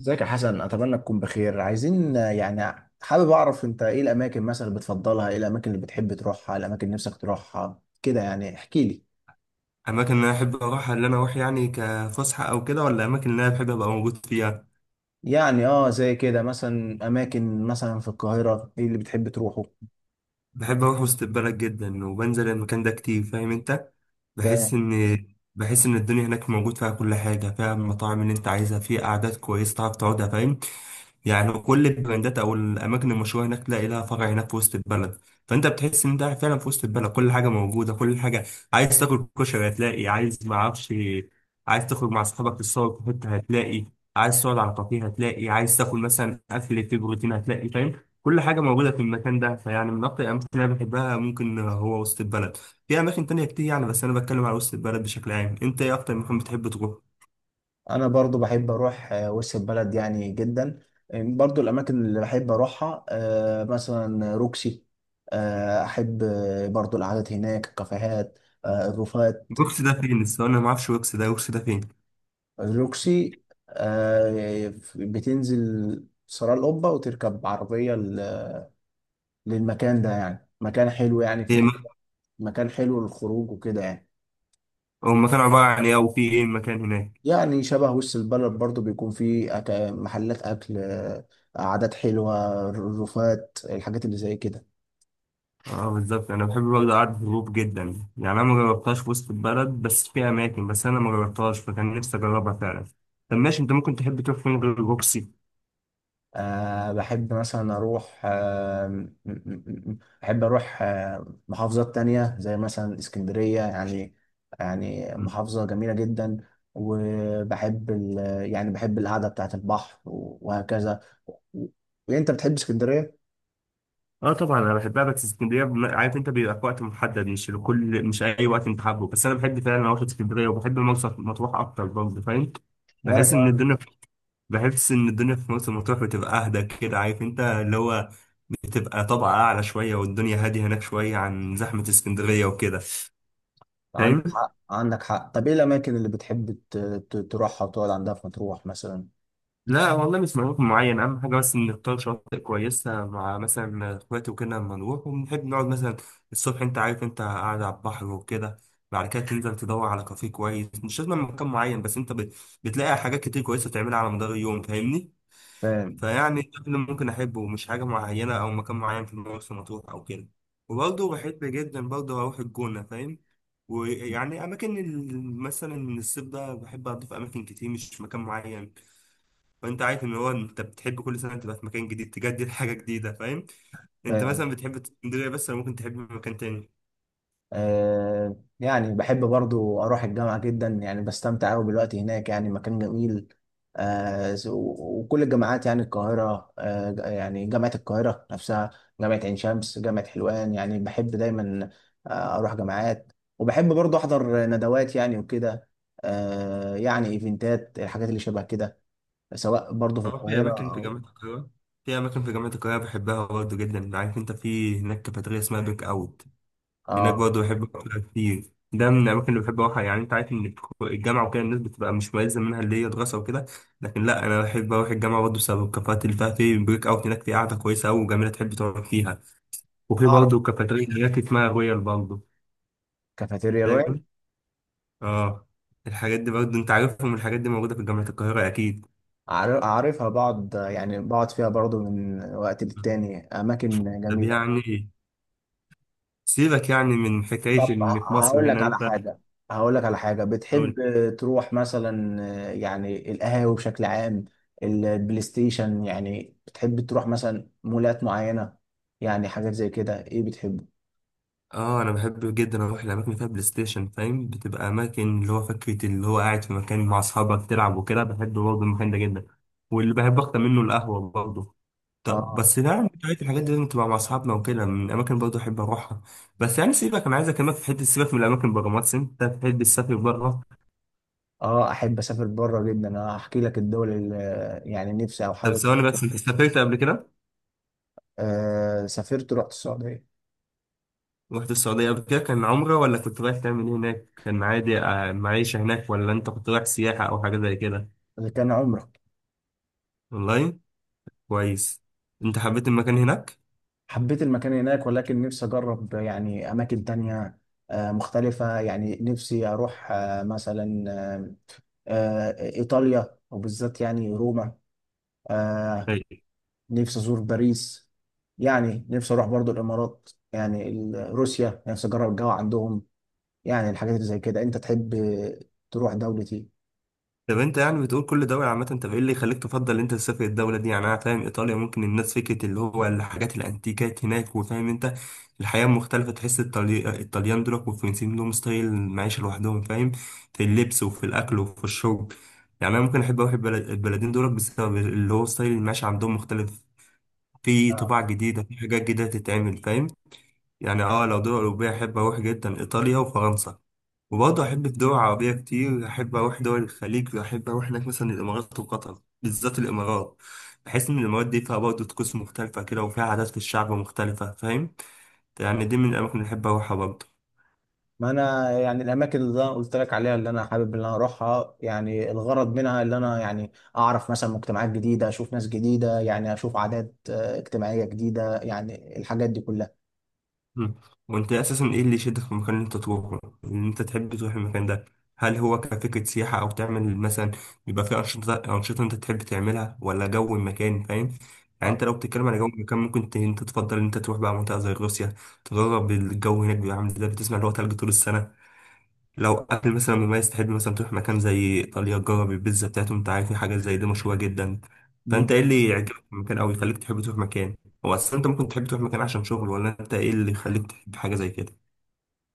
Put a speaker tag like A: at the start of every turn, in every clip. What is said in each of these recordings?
A: ازيك يا حسن، اتمنى تكون بخير. عايزين يعني حابب اعرف انت ايه الاماكن مثلا اللي بتفضلها، ايه الاماكن اللي بتحب تروحها، الاماكن اللي نفسك تروحها كده. يعني احكي لي.
B: اماكن اللي انا احب اروحها اللي انا اروح يعني كفسحه او كده، ولا اماكن اللي انا بحب ابقى موجود فيها؟
A: يعني زي كده مثلا اماكن مثلا في القاهرة، ايه اللي بتحب تروحه؟
B: بحب اروح وسط البلد جدا وبنزل المكان ده كتير، فاهم انت.
A: فانا
B: بحس ان بحس ان الدنيا هناك موجود فيها كل حاجه، فيها المطاعم اللي انت عايزها، فيها قعدات كويسه تعرف تقعدها، فاهم. يعني كل البراندات او الاماكن المشهوره هناك تلاقي لها فرع هناك في وسط البلد. فانت بتحس ان انت قاعد فعلا في وسط البلد، كل حاجه موجوده، كل حاجه. عايز تاكل كشري هتلاقي، عايز ما اعرفش، عايز تخرج مع اصحابك تتصور في حته هتلاقي، عايز تقعد على كافيه هتلاقي، عايز تاكل مثلا اكل فيه بروتين هتلاقي، فاهم. كل حاجه موجوده في المكان ده، فيعني من اكتر الاماكن اللي انا بحبها ممكن هو وسط البلد. في اماكن تانية كتير يعني، بس انا بتكلم على وسط البلد بشكل عام. انت ايه اكتر مكان بتحب تروح؟
A: برضو بحب اروح وسط البلد يعني جدا. برضو الاماكن اللي بحب اروحها، مثلا روكسي. احب برضو القعدات هناك، الكافيهات، الروفات.
B: وكس ده فين؟ الصراحه انا ما اعرفش وكس ده. وكس ده
A: روكسي، بتنزل سراء القبة وتركب عربية للمكان ده. يعني مكان حلو، يعني
B: فين؟
A: مكان حلو للخروج وكده يعني.
B: هما كانوا عبارة عن ايه، وفي ايه المكان هناك؟
A: يعني شبه وسط البلد برضو، بيكون فيه محلات أكل، قعدات حلوة، رفات، الحاجات اللي زي كده.
B: اه بالظبط، انا بحب برضه قعدة الهروب جدا. يعني انا ما جربتهاش في وسط البلد، بس في اماكن بس انا ما جربتهاش، فكان نفسي اجربها فعلا. طب ماشي، انت ممكن تحب تروح فين غير روكسي؟
A: بحب مثلا أروح آه، م- م- م- بحب أروح آه، محافظات تانية زي مثلا اسكندرية. يعني يعني
B: مم.
A: محافظة جميلة جدا. وبحب يعني بحب القعدة بتاعة البحر وهكذا. و- وأنت بتحب اسكندرية؟
B: اه طبعا انا بحبها، بس اسكندريه عارف انت بيبقى في وقت محدد، مش لكل، مش اي وقت انت حابه. بس انا بحب فعلا اروح اسكندريه، وبحب مرسى مطروح اكتر برضه، فاهم.
A: وأنا
B: بحس ان
A: كمان.
B: الدنيا، بحس ان الدنيا في مرسى مطروح بتبقى اهدى كده، عارف انت اللي هو بتبقى طبقة أعلى شوية، والدنيا هادية هناك شوية عن زحمة اسكندرية وكده.
A: عندك
B: فاهم؟
A: حق عندك حق. طب إيه الأماكن اللي بتحب تروحها وتقعد عندها في مطروح مثلا؟
B: لا والله، مش مكان معين. أهم حاجة بس إن نختار شواطئ كويسة مع مثلا إخواتي وكده، لما نروح ونحب نقعد مثلا الصبح، أنت عارف، أنت قاعد على البحر وكده، بعد كده تنزل تدور على كافيه كويس. مش لازم مكان معين، بس أنت بتلاقي حاجات كتير كويسة تعملها على مدار اليوم، فاهمني؟
A: فاهم.
B: فيعني ده اللي ممكن أحبه، مش حاجة معينة أو مكان معين في مرسى مطروح أو كده. وبرضه بحب جدا برضه أروح الجونة، فاهم. ويعني أماكن مثلا من الصيف ده بحب أضيف أماكن كتير، مش في مكان معين. وأنت عارف إن هو أنت بتحب كل سنة تبقى في مكان جديد، تجدد حاجة جديدة، فاهم. أنت
A: فاهم.
B: مثلا بتحب اسكندرية بس، ولا ممكن تحب مكان تاني؟
A: يعني بحب برضو أروح الجامعة جدا، يعني بستمتع أوي بالوقت هناك، يعني مكان جميل. وكل الجامعات يعني القاهرة، يعني جامعة القاهرة نفسها، جامعة عين شمس، جامعة حلوان. يعني بحب دايما أروح جامعات. وبحب برضو أحضر ندوات يعني وكده، يعني إيفنتات، الحاجات اللي شبه كده، سواء برضو في
B: أه، في أماكن
A: القاهرة
B: في
A: أو.
B: جامعة القاهرة. في أماكن في جامعة القاهرة بحبها برضه جدا. عارف أنت في هناك كافيتيريا اسمها بيك أوت، هناك
A: آه،
B: برضه بحب أروح كتير. ده من الأماكن اللي بحب أروحها. يعني أنت عارف إن الجامعة وكده الناس بتبقى مش ملزم منها، اللي هي دراسة وكده. لكن لا، أنا بحب أروح الجامعة برضه بسبب الكافيهات اللي فيها. في بريك أوت هناك في قعدة كويسة أوي وجميلة تحب تقعد فيها. وفي
A: أعرف
B: برضه كافيتيريا هناك اسمها رويال برضه،
A: كافيتيريا.
B: فاهم؟ آه. الحاجات دي برضه أنت عارفهم، الحاجات دي موجودة في جامعة القاهرة أكيد.
A: عارفها بعض، يعني بقعد فيها برضو من وقت للتاني، أماكن
B: طب
A: جميلة.
B: يعني سيبك يعني من حكاية
A: طب
B: إن في مصر هنا. أنت
A: هقول لك على حاجة بتحب تروح مثلا. يعني القهاوي بشكل عام، البلاي ستيشن، يعني بتحب تروح مثلا مولات معينة، يعني حاجات زي كده، إيه بتحبه؟
B: اه، انا بحب جدا اروح الاماكن اللي فيها بلاي ستيشن، فاهم. بتبقى اماكن اللي هو فكره اللي هو قاعد في مكان مع اصحابك تلعب وكده، بحب برضه المكان ده جدا. واللي بحب اكتر منه القهوه برضه. طب
A: آه.
B: بس ده يعني بتاعت الحاجات دي لازم تبقى مع اصحابنا وكده، من الاماكن برضه احب اروحها. بس يعني سيبك، انا عايز اكلمك في حته. سيبك من الاماكن، بره مصر انت بتحب تسافر بره؟
A: أحب أسافر بره جدا. أنا هحكي لك الدول اللي يعني نفسي أو
B: طب
A: حاجة.
B: ثواني بس، انت سافرت قبل كده؟
A: سافرت، رحت السعودية.
B: رحت السعوديه قبل كده كان عمره، ولا كنت رايح تعمل ايه هناك؟ كان عادي آه، معيشه هناك، ولا انت كنت رايح سياحه او حاجه زي كده؟
A: ده كان عمرة.
B: والله. كويس. انت حبيت المكان هناك؟
A: حبيت المكان هناك، ولكن نفسي أجرب يعني أماكن تانية مختلفة. يعني نفسي أروح مثلا إيطاليا، وبالذات يعني روما. آه،
B: اي.
A: نفسي أزور باريس. يعني نفسي أروح برضو الإمارات، يعني روسيا، نفسي أجرب الجو عندهم. يعني الحاجات اللي زي كده. أنت تحب تروح دولة إيه؟
B: طب انت يعني بتقول كل دولة عامة، طب ايه اللي يخليك تفضل انت تسافر الدولة دي؟ يعني انا فاهم ايطاليا ممكن الناس فكرة اللي هو الحاجات الانتيكات هناك، وفاهم انت الحياة مختلفة. تحس الطليان دول والفرنسيين لهم ستايل معيشة لوحدهم، فاهم، في اللبس وفي الاكل وفي الشرب. يعني انا ممكن احب اروح البلدين دول بسبب اللي هو ستايل المعيشة عندهم مختلف، في طباع جديدة، في حاجات جديدة تتعمل، فاهم. يعني اه لو دول أوروبية أحب أروح جدا إيطاليا وفرنسا. وبرضه أحب الدول العربية كتير، أحب أروح دول الخليج، وأحب أروح هناك مثلا الإمارات وقطر، بالذات الإمارات. بحس إن الإمارات دي فيها برضه طقوس مختلفة كده، وفيها عادات في الشعب مختلفة، فاهم. يعني دي من الأماكن اللي أحب أروحها برضه.
A: ما انا يعني الاماكن اللي انا قلت لك عليها، اللي انا حابب ان انا اروحها، يعني الغرض منها اللي انا يعني اعرف مثلا مجتمعات جديده، اشوف ناس جديده، يعني اشوف عادات اجتماعيه جديده، يعني الحاجات دي كلها.
B: مم. وانت اساسا ايه اللي يشدك في المكان اللي انت تروحه ان انت تحب تروح المكان ده؟ هل هو كفكرة سياحة، او تعمل مثلا بيبقى فيه انشطة انت تحب تعملها، ولا جو المكان؟ فاهم. يعني
A: اه
B: انت لو بتتكلم على جو المكان، ممكن انت تفضل ان انت تروح بقى منطقة زي روسيا، تجرب الجو هناك بيبقى عامل ازاي، بتسمع اللي هو تلج طول السنة. لو اكل مثلا مميز، تحب مثلا تروح مكان زي ايطاليا تجرب البيتزا بتاعتهم، انت عارف في حاجات زي دي مشهوره جدا. فانت ايه اللي يعجبك في المكان، او يخليك تحب تروح مكان؟ هو اصلا انت ممكن تحب تروح مكان عشان شغل، ولا انت ايه اللي يخليك تحب حاجه زي كده؟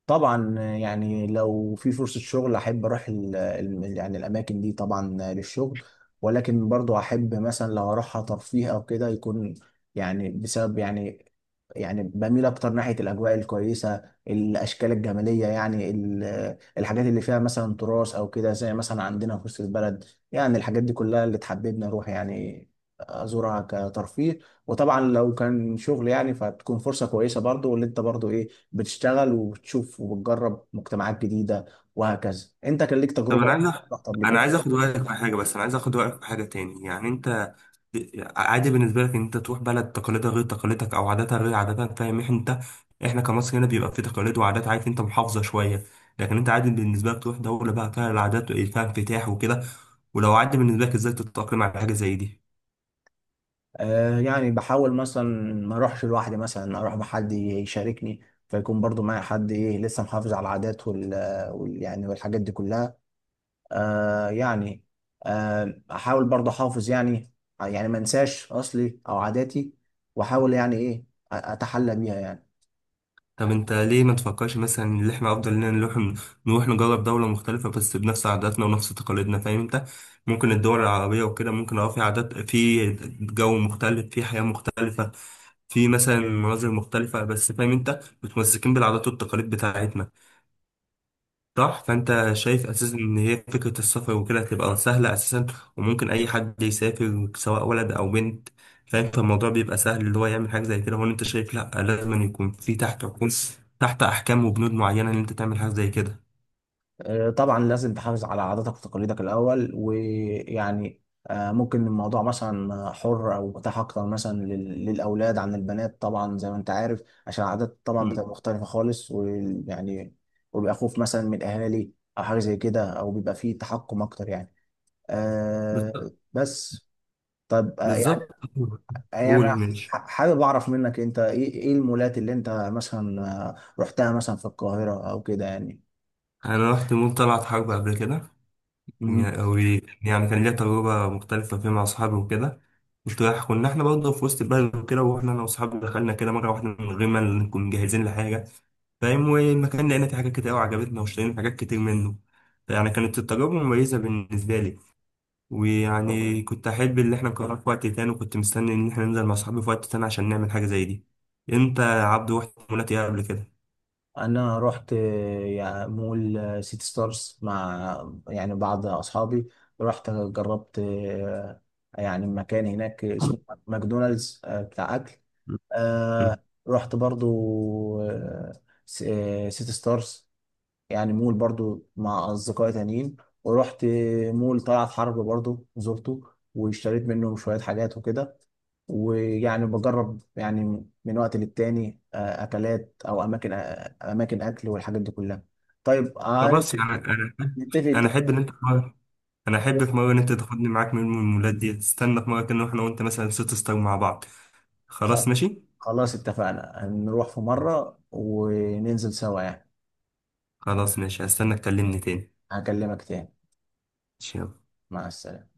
A: طبعا يعني لو في فرصة شغل أحب أروح يعني الأماكن دي طبعا للشغل. ولكن برضو أحب مثلا لو أروحها ترفيه أو كده، يكون يعني بسبب يعني، يعني بميل أكتر ناحية الأجواء الكويسة، الأشكال الجمالية، يعني الحاجات اللي فيها مثلا تراث أو كده زي مثلا عندنا في وسط البلد. يعني الحاجات دي كلها اللي تحببني أروح، يعني أزورها كترفيه. وطبعا لو كان شغل يعني فتكون فرصة كويسة برضو، واللي أنت برضو إيه، بتشتغل وبتشوف وبتجرب مجتمعات جديدة وهكذا. انت كان ليك
B: طب
A: تجربة
B: انا عايز
A: يعني رحت قبل
B: انا
A: كده؟
B: عايز اخد رايك في حاجه، بس انا عايز اخد رايك في حاجه تاني. يعني انت عادي بالنسبه لك ان انت تروح بلد تقاليدها غير تقاليدك، او عاداتها غير عاداتك، فاهم انت. احنا كمصر هنا بيبقى في تقاليد وعادات، عارف انت، محافظه شويه. لكن انت عادي بالنسبه لك تروح دوله بقى فيها العادات، فيها انفتاح وكده؟ ولو عادي بالنسبه لك، ازاي تتاقلم على حاجه زي دي؟
A: يعني بحاول مثلا ما اروحش لوحدي، مثلا اروح بحد يشاركني، فيكون برضو معايا حد ايه لسه محافظ على العادات وال, وال يعني والحاجات دي كلها. يعني. احاول برضو احافظ يعني، يعني ما انساش اصلي او عاداتي، واحاول يعني ايه اتحلى بيها يعني.
B: طب انت ليه ما تفكرش مثلا ان احنا افضل لنا نروح نجرب دولة مختلفة بس بنفس عاداتنا ونفس تقاليدنا، فاهم انت. ممكن الدول العربية وكده ممكن اه في عادات، في جو مختلف، في حياة مختلفة، في مثلا مناظر مختلفة، بس فاهم انت متمسكين بالعادات والتقاليد بتاعتنا، صح. فانت شايف اساسا ان هي فكره السفر وكده هتبقى سهله اساسا، وممكن اي حد يسافر سواء ولد او بنت، فاهم. فالموضوع بيبقى سهل اللي هو يعمل حاجه زي كده، هو انت شايف؟ لا، لازم أن يكون في تحت عقود، تحت احكام وبنود معينه ان انت تعمل حاجه زي كده.
A: طبعا لازم تحافظ على عاداتك وتقاليدك الأول، ويعني ممكن الموضوع مثلا حر أو متاح أكتر مثلا للأولاد عن البنات، طبعا زي ما أنت عارف عشان العادات طبعا
B: مم.
A: بتبقى مختلفة خالص. ويعني وبيبقى خوف مثلا من الأهالي أو حاجة زي كده، أو بيبقى فيه تحكم أكتر يعني
B: بالظ-
A: بس. طب يعني،
B: بالظبط.
A: يعني
B: قول
A: أنا
B: ماشي.
A: حابب أعرف منك أنت إيه المولات اللي أنت مثلا آه، رحتها مثلا في القاهرة أو كده يعني.
B: انا رحت مول طلعت حرب قبل كده. يعني يعني كان ليا تجربه مختلفه فيها مع اصحابي وكده. كنت رايح، كنا احنا برضه في وسط البلد وكده، واحنا انا واصحابي دخلنا كده مره واحده من غير ما نكون جاهزين لحاجه، فاهم. والمكان لقينا فيه حاجات كتير أوي عجبتنا، واشترينا حاجات كتير منه. يعني كانت التجربة مميزة بالنسبة لي. ويعني كنت أحب إن احنا نكررها في وقت تاني، وكنت مستني إن احنا ننزل مع صحابي في وقت تاني عشان نعمل حاجة زي دي. أنت يا عبدو رحت مولات إيه قبل كده؟
A: انا رحت يعني مول سيتي ستارز مع يعني بعض اصحابي. رحت جربت يعني مكان هناك اسمه ماكدونالدز بتاع اكل.
B: م- م.
A: رحت برضو آه، سيتي ستارز، يعني مول برضو مع اصدقائي تانيين. ورحت مول طلعت حرب برضو، زرته واشتريت منه شوية حاجات وكده. ويعني بجرب يعني من وقت للتاني اكلات او اماكن، اماكن اكل والحاجات دي كلها. طيب
B: خلاص يعني أنا،
A: نتفق
B: أنا أحب
A: اتفاق.
B: إن أنت في مرة، أنا أحب في مرة إن أنت تاخدني معاك من المولات دي. تستنى في مرة كده إحنا وأنت مثلا ست ستار مع بعض.
A: خ-
B: خلاص ماشي؟
A: خلاص اتفقنا، هنروح في مرة وننزل سوا يعني.
B: خلاص ماشي، هستنى تكلمني تاني.
A: هكلمك تاني.
B: ماشي، يلا.
A: مع السلامة.